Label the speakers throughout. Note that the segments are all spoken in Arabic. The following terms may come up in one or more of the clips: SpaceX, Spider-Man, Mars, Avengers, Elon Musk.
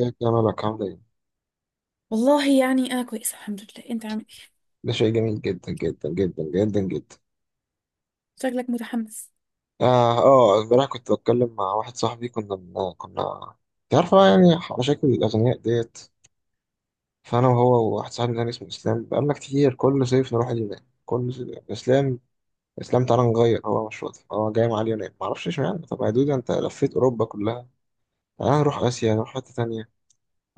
Speaker 1: ازيك يا ملك عامل ايه؟
Speaker 2: والله يعني انا كويسه الحمد لله، انت عامل ايه؟
Speaker 1: ده شيء جميل جدا جدا جدا جدا جدا.
Speaker 2: شكلك متحمس.
Speaker 1: امبارح كنت بتكلم مع واحد صاحبي كنا، انت عارف بقى يعني، مشاكل الاغنياء ديت. فانا وهو وواحد صاحبي تاني اسمه اسلام، بقالنا كتير كل صيف نروح اليونان. كل صيف اسلام اسلام، تعالى نغير. هو مش راضي، هو جاي مع اليونان، معرفش اشمعنى. طب يا دود انت لفيت اوروبا كلها، تعالى نروح اسيا، نروح حته تانيه.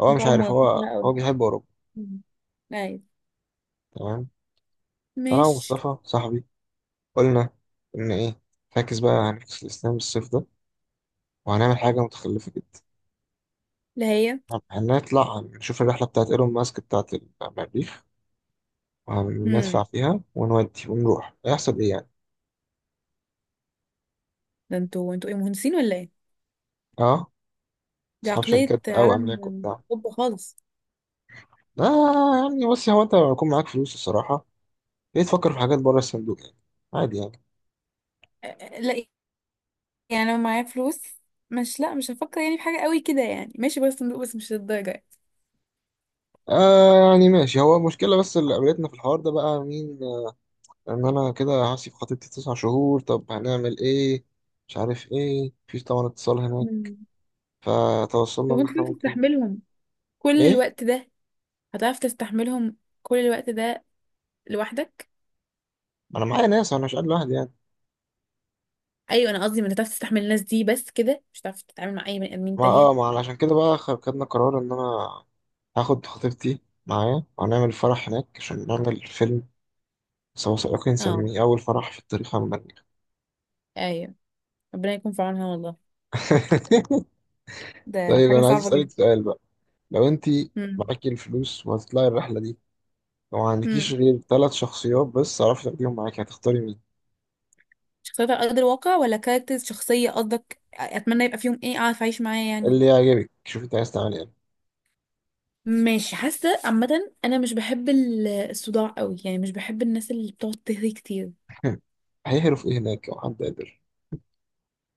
Speaker 1: هو
Speaker 2: انتوا
Speaker 1: مش
Speaker 2: على
Speaker 1: عارف،
Speaker 2: موافقين
Speaker 1: هو
Speaker 2: قوي.
Speaker 1: هو بيحب اوروبا.
Speaker 2: مم. ايوه.
Speaker 1: تمام. فانا
Speaker 2: ماشي.
Speaker 1: ومصطفى صاحبي قلنا ان ايه، فاكس بقى، هنفكس الاسلام الصيف ده وهنعمل حاجة متخلفة جدا.
Speaker 2: اللي هي؟
Speaker 1: هنطلع نشوف الرحلة بتاعت ايلون ماسك، بتاعت المريخ.
Speaker 2: امم.
Speaker 1: وهندفع فيها ونودي ونروح، هيحصل ايه يعني؟
Speaker 2: ده انتوا ايه، مهندسين ولا ايه؟
Speaker 1: اه،
Speaker 2: دي
Speaker 1: اصحاب
Speaker 2: عقليه
Speaker 1: شركات بقى
Speaker 2: عالم
Speaker 1: واملاك وبتاع.
Speaker 2: طب خالص.
Speaker 1: لا يعني بص، هو انت لما يكون معاك فلوس الصراحة، ليه تفكر في حاجات بره الصندوق يعني؟ عادي يعني.
Speaker 2: لا، يعني لو معايا فلوس، مش لا مش هفكر يعني في حاجه قوي كده، يعني ماشي، بس صندوق، بس مش للدرجه يعني.
Speaker 1: آه يعني ماشي، هو المشكلة بس اللي قابلتنا في الحوار ده بقى مين، آه، ان انا كده هسيب خطيبتي تسع شهور، طب هنعمل ايه؟ مش عارف ايه، مفيش طبعا اتصال هناك.
Speaker 2: مم.
Speaker 1: فتوصلنا
Speaker 2: طب
Speaker 1: ان
Speaker 2: انت
Speaker 1: احنا
Speaker 2: كنت
Speaker 1: ممكن،
Speaker 2: تستحملهم كل
Speaker 1: ايه،
Speaker 2: الوقت ده؟ هتعرف تستحملهم كل الوقت ده لوحدك؟
Speaker 1: انا معايا ناس، انا مش قاعد لوحدي يعني.
Speaker 2: ايوه، انا قصدي ما هتعرف تستحمل الناس دي بس كده، مش هتعرف تتعامل مع اي بني ادمين
Speaker 1: ما
Speaker 2: تانية.
Speaker 1: اه ما أنا عشان كده بقى خدنا قرار ان انا هاخد خطيبتي معايا وهنعمل فرح هناك عشان نعمل فيلم سوا، سواقين،
Speaker 2: اه.
Speaker 1: نسميه اول فرح في التاريخ المانيا.
Speaker 2: ايوه. ربنا يكون في عونها والله. ده
Speaker 1: طيب
Speaker 2: حاجة
Speaker 1: انا عايز
Speaker 2: صعبة جدا.
Speaker 1: اسالك سؤال بقى، لو انت
Speaker 2: امم.
Speaker 1: معاكي الفلوس وهتطلعي الرحله دي، وما عندكيش
Speaker 2: امم.
Speaker 1: غير ثلاث شخصيات بس تعرفي تاخديهم معاكي، هتختاري مين؟
Speaker 2: شخصيات على قدر الواقع ولا كاركترز شخصية قصدك؟ اتمنى يبقى فيهم ايه اعرف اعيش معاه يعني.
Speaker 1: اللي يعجبك، شوفي انت عايز تعملي ايه.
Speaker 2: ماشي، حاسة عامة. أنا مش بحب الصداع قوي يعني، مش بحب الناس اللي بتقعد تهري كتير.
Speaker 1: هيهرف ايه هناك لو حد قدر.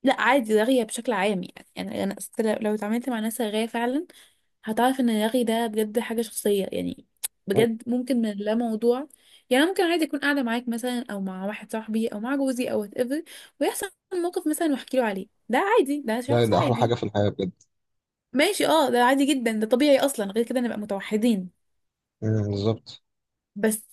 Speaker 2: لا عادي، رغية بشكل عام يعني. أنا أصل لو اتعاملت مع ناس رغاية فعلا، هتعرف ان الرغي ده بجد حاجة شخصية يعني. بجد ممكن من لا موضوع، يعني ممكن عادي اكون قاعدة معاك مثلا او مع واحد صاحبي او مع جوزي او وات ايفر، ويحصل موقف مثلا واحكي له عليه، ده عادي، ده
Speaker 1: ده
Speaker 2: شخص
Speaker 1: ده احلى حاجه
Speaker 2: عادي.
Speaker 1: في الحياه بجد.
Speaker 2: ماشي اه، ده عادي جدا، ده طبيعي اصلا، غير كده نبقى متوحدين.
Speaker 1: أمم، بالظبط.
Speaker 2: بس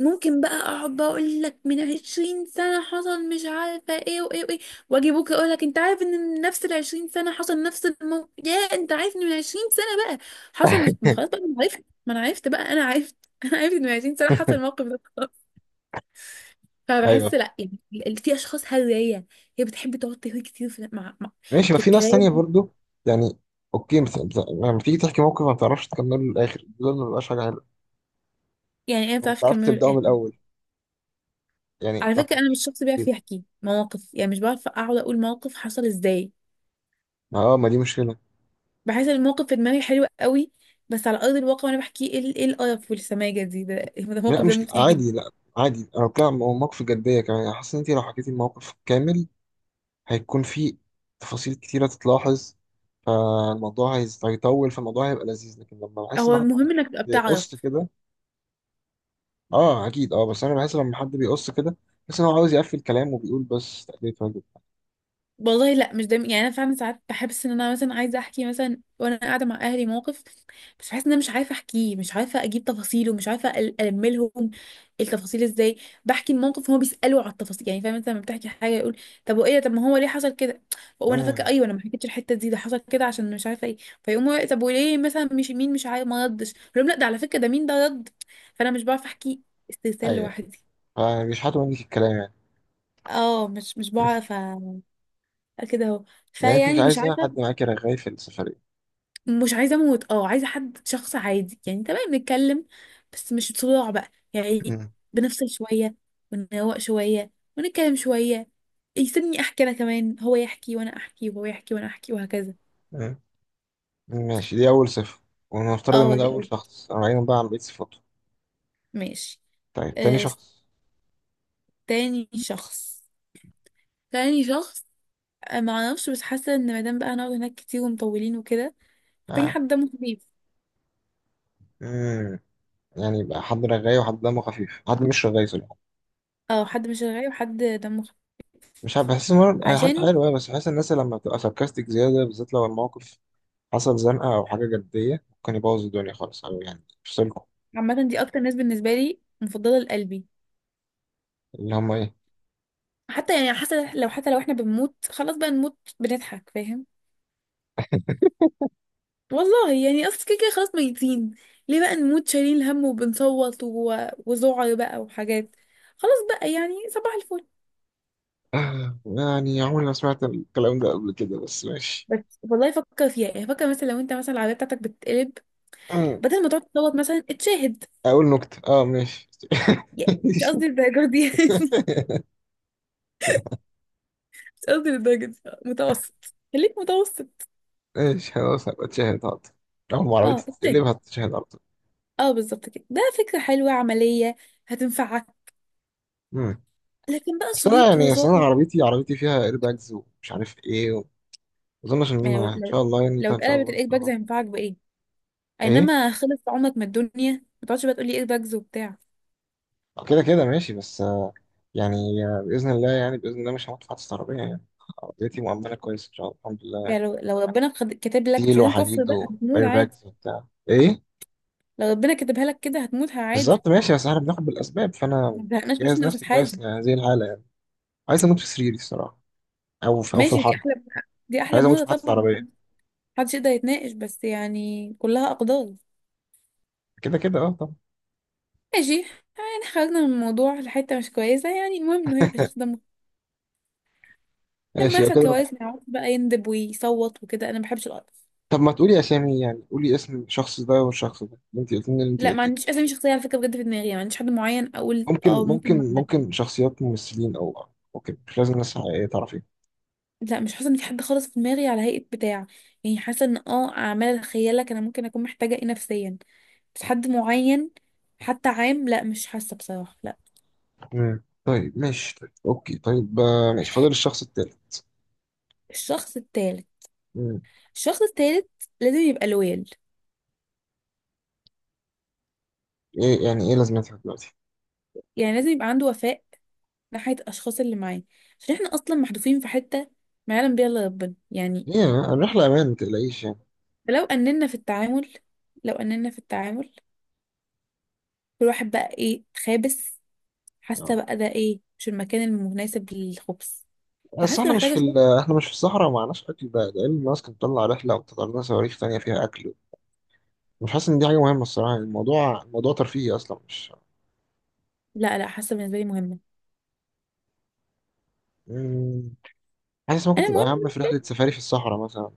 Speaker 2: ممكن بقى اقعد بقى اقول لك من عشرين سنة حصل مش عارفة ايه وايه وايه، واجي بكرة اقول لك انت عارف ان من نفس العشرين سنة حصل نفس الموقف، يا انت عارف ان من عشرين سنة بقى حصل، مش، ما خلاص بقى انا عرفت، ما انا عرفت بقى، انا عرفت انا عرفت ان من عشرين سنة حصل الموقف ده، خلاص. فبحس
Speaker 1: ايوه،
Speaker 2: لا يعني. في اشخاص هرية، هي بتحب تقعد تهري كتير
Speaker 1: ماشي، ما
Speaker 2: في
Speaker 1: في ناس تانية
Speaker 2: الكلام.
Speaker 1: برضو يعني. اوكي، لما تيجي تحكي موقف ما بتعرفش تكمله للاخر، دول ما بيبقاش حاجة حلوة.
Speaker 2: يعني انا
Speaker 1: ما
Speaker 2: بتعرف
Speaker 1: بتعرفش
Speaker 2: اكمله
Speaker 1: تبدأه من
Speaker 2: للاخر.
Speaker 1: الاول يعني،
Speaker 2: على
Speaker 1: ما
Speaker 2: فكرة انا
Speaker 1: بتحكيش.
Speaker 2: مش شخص بيعرف يحكي مواقف، يعني مش بعرف اقعد اقول موقف حصل ازاي.
Speaker 1: ما دي مشكلة.
Speaker 2: بحس إن الموقف في دماغي حلو قوي، بس على ارض الواقع وانا بحكيه ايه، ايه القرف والسماجه دي ده
Speaker 1: لا
Speaker 2: الموقف ده
Speaker 1: مش
Speaker 2: متقيل جدا.
Speaker 1: عادي، لا عادي، انا بتكلم عن مواقف جدية كمان يعني. حاسس ان انت لو حكيتي الموقف كامل هيكون في تفاصيل كتيرة تتلاحظ، فالموضوع هيطول، فالموضوع هيبقى لذيذ. لكن لما بحس
Speaker 2: هو
Speaker 1: ان حد
Speaker 2: المهم انك تبقى بتعرف.
Speaker 1: بيقص كده، اه اكيد، اه بس انا بحس لما حد بيقص كده، بحس ان هو عاوز يقفل كلام وبيقول بس تأديت واجب.
Speaker 2: والله لا، مش دايما يعني، انا فعلا ساعات بحس ان انا مثلا عايزه احكي مثلا وانا قاعده مع اهلي موقف، بس بحس ان انا مش عارفه احكيه، مش عارفه اجيب تفاصيله، مش عارفه الملهم التفاصيل ازاي. بحكي الموقف هما بيسالوا على التفاصيل، يعني فاهم؟ انت لما بتحكي حاجه يقول طب وايه ده؟ طب ما هو ليه حصل كده؟ وانا فاكره
Speaker 1: آه.
Speaker 2: ايوه، انا ما حكيتش الحته دي، ده حصل كده عشان مش عارفه ايه. فيقوموا طب وليه مثلا، مش مين، مش عارف ما ردش، أقول لهم لا ده على فكره ده مين ده رد. فانا مش بعرف احكي استرسال
Speaker 1: ايوه.
Speaker 2: لوحدي.
Speaker 1: فبيشحتوا منك الكلام يعني.
Speaker 2: مش بعرف كده اهو،
Speaker 1: يعني انت مش
Speaker 2: فيعني مش
Speaker 1: عايزة
Speaker 2: عارفه.
Speaker 1: حد معاكي رغاي في السفرية.
Speaker 2: مش عايزه اموت، اه عايزه حد شخص عادي يعني، تمام نتكلم بس مش صداع بقى يعني.
Speaker 1: مم.
Speaker 2: بنفصل شويه ونروق شويه ونتكلم شويه، يسيبني احكي انا كمان، هو يحكي وانا احكي وهو يحكي وانا احكي وهكذا.
Speaker 1: مم. ماشي، دي أول صفة، ونفترض
Speaker 2: اه،
Speaker 1: إن ده أول شخص راينا بقى، عن بقية صفاته؟
Speaker 2: ماشي.
Speaker 1: طيب تاني
Speaker 2: آه.
Speaker 1: شخص.
Speaker 2: تاني شخص تاني شخص. آه، ما اعرفش، بس حاسه ان مادام بقى هنقعد هناك كتير ومطولين وكده، محتاجين
Speaker 1: آه.
Speaker 2: حد دمه خفيف.
Speaker 1: مم. يعني يبقى حد رغاي، وحد دمه خفيف، حد مش رغاي صراحة.
Speaker 2: اه، حد مش رغاي وحد دمه خفيف.
Speaker 1: مش عارف، بحس مرة حاجة
Speaker 2: عشان
Speaker 1: حلوة، بس بحس الناس لما بتبقى ساركاستيك زيادة، بالذات لو الموقف حصل زنقة أو حاجة جدية، ممكن يبوظ الدنيا خالص، أو يعني يفصلكم.
Speaker 2: عامه دي اكتر ناس بالنسبه لي مفضله لقلبي.
Speaker 1: اللي هما إيه؟
Speaker 2: حتى يعني، حتى لو احنا بنموت، خلاص بقى نموت بنضحك فاهم. والله يعني اصل كده كده خلاص ميتين، ليه بقى نموت شايلين هم وبنصوت و... وذعر بقى وحاجات، خلاص بقى يعني صباح الفل.
Speaker 1: آه، يعني عمري ما سمعت الكلام ده قبل كده، بس ماشي.
Speaker 2: بس والله فكر فيها يعني، فكر مثلا لو انت مثلا العربيه بتاعتك بتتقلب، بدل ما تقعد تصوت مثلا اتشاهد.
Speaker 1: اقول نكتة اه ماشي.
Speaker 2: يعني مش قصدي الدرجه دي يعني مش قصدي الدرجه دي، متوسط، خليك متوسط.
Speaker 1: ماشي خلاص، هبقى اتشهد حاضر. اول ما عربيتي
Speaker 2: اه
Speaker 1: تتقلب
Speaker 2: اتشاهد.
Speaker 1: هتتشهد على طول.
Speaker 2: اه بالظبط كده، ده فكره حلوه عمليه، هتنفعك.
Speaker 1: مم.
Speaker 2: لكن بقى
Speaker 1: اصل انا
Speaker 2: صويت
Speaker 1: يعني، اصل انا
Speaker 2: وذعر؟
Speaker 1: عربيتي، عربيتي فيها ايرباجز ومش عارف ايه و... اظنش ان
Speaker 2: يعني
Speaker 1: انا ان شاء الله يعني، إنت
Speaker 2: لو
Speaker 1: ان شاء
Speaker 2: اتقلبت
Speaker 1: الله ان
Speaker 2: الايد
Speaker 1: شاء
Speaker 2: باجز
Speaker 1: الله.
Speaker 2: هينفعك بايه؟
Speaker 1: ايه؟
Speaker 2: اينما خلص عمرك من الدنيا، ما تقعدش بقى تقولي ايد باجز وبتاع.
Speaker 1: آه، كده كده ماشي بس، آه، يعني، آه، باذن الله يعني، باذن الله مش هدفع استرابيه يعني، عربيتي مؤمنه كويس ان شاء الله الحمد لله.
Speaker 2: يعني لو ربنا كاتب لك، مش
Speaker 1: ستيل
Speaker 2: عايزين كفر
Speaker 1: وحديد
Speaker 2: بقى، هتموت عادي.
Speaker 1: وايرباجز وبتاع ايه.
Speaker 2: لو ربنا كاتبها لك كده هتموت عادي.
Speaker 1: بالظبط ماشي، بس احنا بناخد بالاسباب. فانا
Speaker 2: ما تزهقناش مش
Speaker 1: جاهز
Speaker 2: يا استاذ
Speaker 1: نفسي كويس
Speaker 2: حازم.
Speaker 1: لهذه الحاله يعني. عايز اموت في سريري الصراحه، او في، او في
Speaker 2: ماشي،
Speaker 1: الحرب.
Speaker 2: دي
Speaker 1: مش
Speaker 2: احلى
Speaker 1: عايز اموت في
Speaker 2: موضه
Speaker 1: محطه
Speaker 2: طبعا.
Speaker 1: عربيه.
Speaker 2: محدش يقدر يتناقش بس يعني كلها اقدار.
Speaker 1: كده كده اه، طب
Speaker 2: ماشي. يعني خرجنا من الموضوع لحته مش كويسه، يعني المهم انه هيبقى شخص دمه لما
Speaker 1: ماشي، يبقى
Speaker 2: يحصل
Speaker 1: كده.
Speaker 2: كوارث ما يعرفش بقى يندب ويصوت وكده، انا ما بحبش القرف.
Speaker 1: طب ما تقولي اسامي يعني، قولي اسم الشخص ده والشخص ده اللي انت قلت لي، اللي انت
Speaker 2: لا ما
Speaker 1: قلتيه.
Speaker 2: عنديش اسامي شخصيه على فكره، بجد في دماغي ما عنديش حد معين اقول اه
Speaker 1: ممكن
Speaker 2: ممكن مع
Speaker 1: ممكن
Speaker 2: ده.
Speaker 1: ممكن شخصيات ممثلين او، اوكي مش لازم ناس حقيقيه تعرفين.
Speaker 2: لا مش حاسه ان في حد خالص في دماغي على هيئه بتاع، يعني حاسه ان اه اعمال اتخيلك انا ممكن اكون محتاجه ايه نفسيا، بس حد معين حتى عام، لا مش حاسه بصراحه، لا.
Speaker 1: مم. طيب ماشي، طيب اوكي، طيب آه، ماشي، فاضل الشخص التالت.
Speaker 2: الشخص التالت
Speaker 1: مم.
Speaker 2: الشخص التالت لازم يبقى لويال،
Speaker 1: ايه يعني؟ ايه لازمتها دلوقتي؟
Speaker 2: يعني لازم يبقى عنده وفاء ناحيه الاشخاص اللي معاه، عشان احنا اصلا محدودين في حته ما يعلم بيها الا ربنا يعني.
Speaker 1: ايه الرحله امان، ما تقلقيش يعني.
Speaker 2: فلو اننا في التعامل لو اننا في التعامل كل واحد بقى ايه خابس، حاسه
Speaker 1: آه.
Speaker 2: بقى ده ايه، مش المكان المناسب للخبز.
Speaker 1: بس
Speaker 2: فحاسه
Speaker 1: احنا مش
Speaker 2: محتاجه
Speaker 1: في
Speaker 2: شويه.
Speaker 1: احنا مش في الصحراء، ومعناش اكل بقى لان الناس كانت بتطلع رحله وتطلع لنا صواريخ تانيه فيها اكل. مش حاسس ان دي حاجه مهمه الصراحه، يعني الموضوع موضوع ترفيهي اصلا مش.
Speaker 2: لا لا، حاسه بالنسبه لي مهمه.
Speaker 1: مم. حاسس ممكن
Speaker 2: انا
Speaker 1: تبقى
Speaker 2: مهم.
Speaker 1: اهم في رحله سفاري في الصحراء مثلا.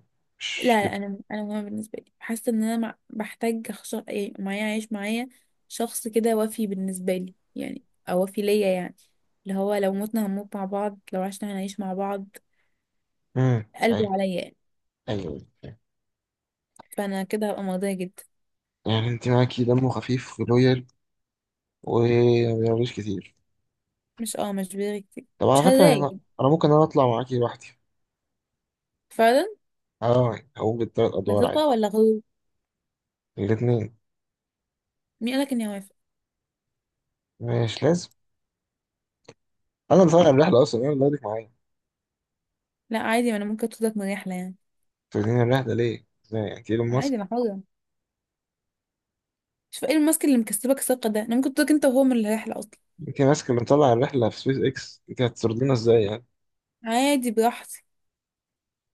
Speaker 2: لا
Speaker 1: مش كده.
Speaker 2: لا انا، انا مهمه بالنسبه لي، حاسه ان انا بحتاج إيه، معايا عايش معايا شخص كده وفي بالنسبه لي يعني، او وفي ليا يعني، اللي هو لو متنا هنموت مع بعض، لو عشنا هنعيش مع بعض.
Speaker 1: امم، ايوه.
Speaker 2: قلبه عليا يعني.
Speaker 1: ايوه. أيوة.
Speaker 2: فانا كده هبقى مرضيه جدا.
Speaker 1: يعني انت معاكي دمه خفيف ولويال وما بيعملوش كتير.
Speaker 2: مش بيغي كتير،
Speaker 1: طب
Speaker 2: مش
Speaker 1: على فكره انا،
Speaker 2: هزايد.
Speaker 1: أنا ممكن اطلع معاكي لوحدي.
Speaker 2: فعلا.
Speaker 1: اه هقوم بالثلاث
Speaker 2: ده
Speaker 1: ادوار عادي.
Speaker 2: ثقه ولا غرور؟
Speaker 1: الاثنين.
Speaker 2: مين قالك اني هوافق؟
Speaker 1: مش لازم، انا اللي طالع الرحله اصلا، انا اللي واخدك معايا.
Speaker 2: لا عادي، ما انا ممكن اتركك من رحله يعني.
Speaker 1: توديني الرحله ليه؟ ازاي يعني؟ انت ايلون
Speaker 2: عادي
Speaker 1: ماسك؟
Speaker 2: انا حره. شوف ايه الماسك اللي مكسبك ثقة ده، انا ممكن تقولك انت وهو من الرحلة اصلا.
Speaker 1: انت ماسك اللي مطلع الرحله في سبيس اكس، انت هتطردينا ازاي يعني؟
Speaker 2: عادي براحتي.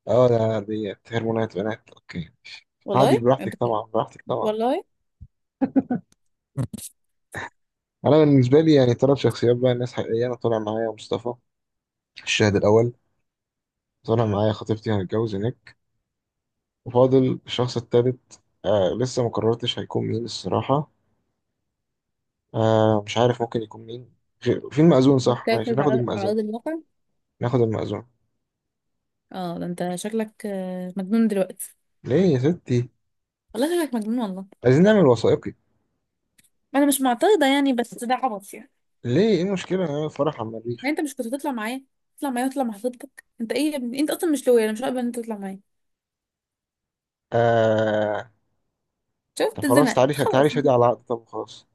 Speaker 1: اه ده دي هرمونات بنات، اوكي ماشي. عادي
Speaker 2: والله
Speaker 1: براحتك طبعا، براحتك طبعا.
Speaker 2: والله
Speaker 1: انا بالنسبه لي يعني ثلاث شخصيات بقى، ناس حقيقيه، انا طالع معايا مصطفى الشاهد الاول، طالع معايا خطيبتي هنتجوز هناك، وفاضل الشخص الثالث. آه لسه ما قررتش هيكون مين الصراحه. آه مش عارف ممكن يكون مين. في المأذون، صح ماشي،
Speaker 2: بتركز
Speaker 1: ناخد
Speaker 2: على
Speaker 1: المأذون.
Speaker 2: ارض الواقع.
Speaker 1: ناخد المأذون.
Speaker 2: اه ده انت شكلك مجنون دلوقتي.
Speaker 1: ليه يا ستي؟
Speaker 2: والله شكلك مجنون والله.
Speaker 1: عايزين نعمل وثائقي.
Speaker 2: انا مش معترضة يعني، بس ده عبط يعني.
Speaker 1: ليه؟ ايه المشكله نعمل فرح على
Speaker 2: يعني
Speaker 1: المريخ؟
Speaker 2: انت مش كنت تطلع معايا؟ تطلع معايا وتطلع مع خطيبتك؟ انت ايه يا ابني؟ انت اصلا مش لويا، انا مش هقبل ان انت تطلع معايا.
Speaker 1: آه، طب
Speaker 2: شفت
Speaker 1: خلاص
Speaker 2: اتزنقت
Speaker 1: تعالي، تعالي
Speaker 2: خلاص.
Speaker 1: شادي على العقد، طب خلاص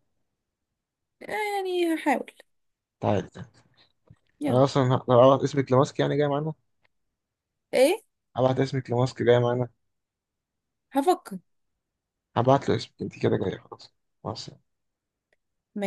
Speaker 2: آه، يعني هحاول.
Speaker 1: تعالي. انا
Speaker 2: يلا.
Speaker 1: اصلا لو أبعت اسمك لماسك يعني جاي معانا.
Speaker 2: ايه.
Speaker 1: هبعت اسمك لماسك جاي معانا.
Speaker 2: هفكر
Speaker 1: هبعت له اسمك انت كده جايه خلاص. مع السلامة.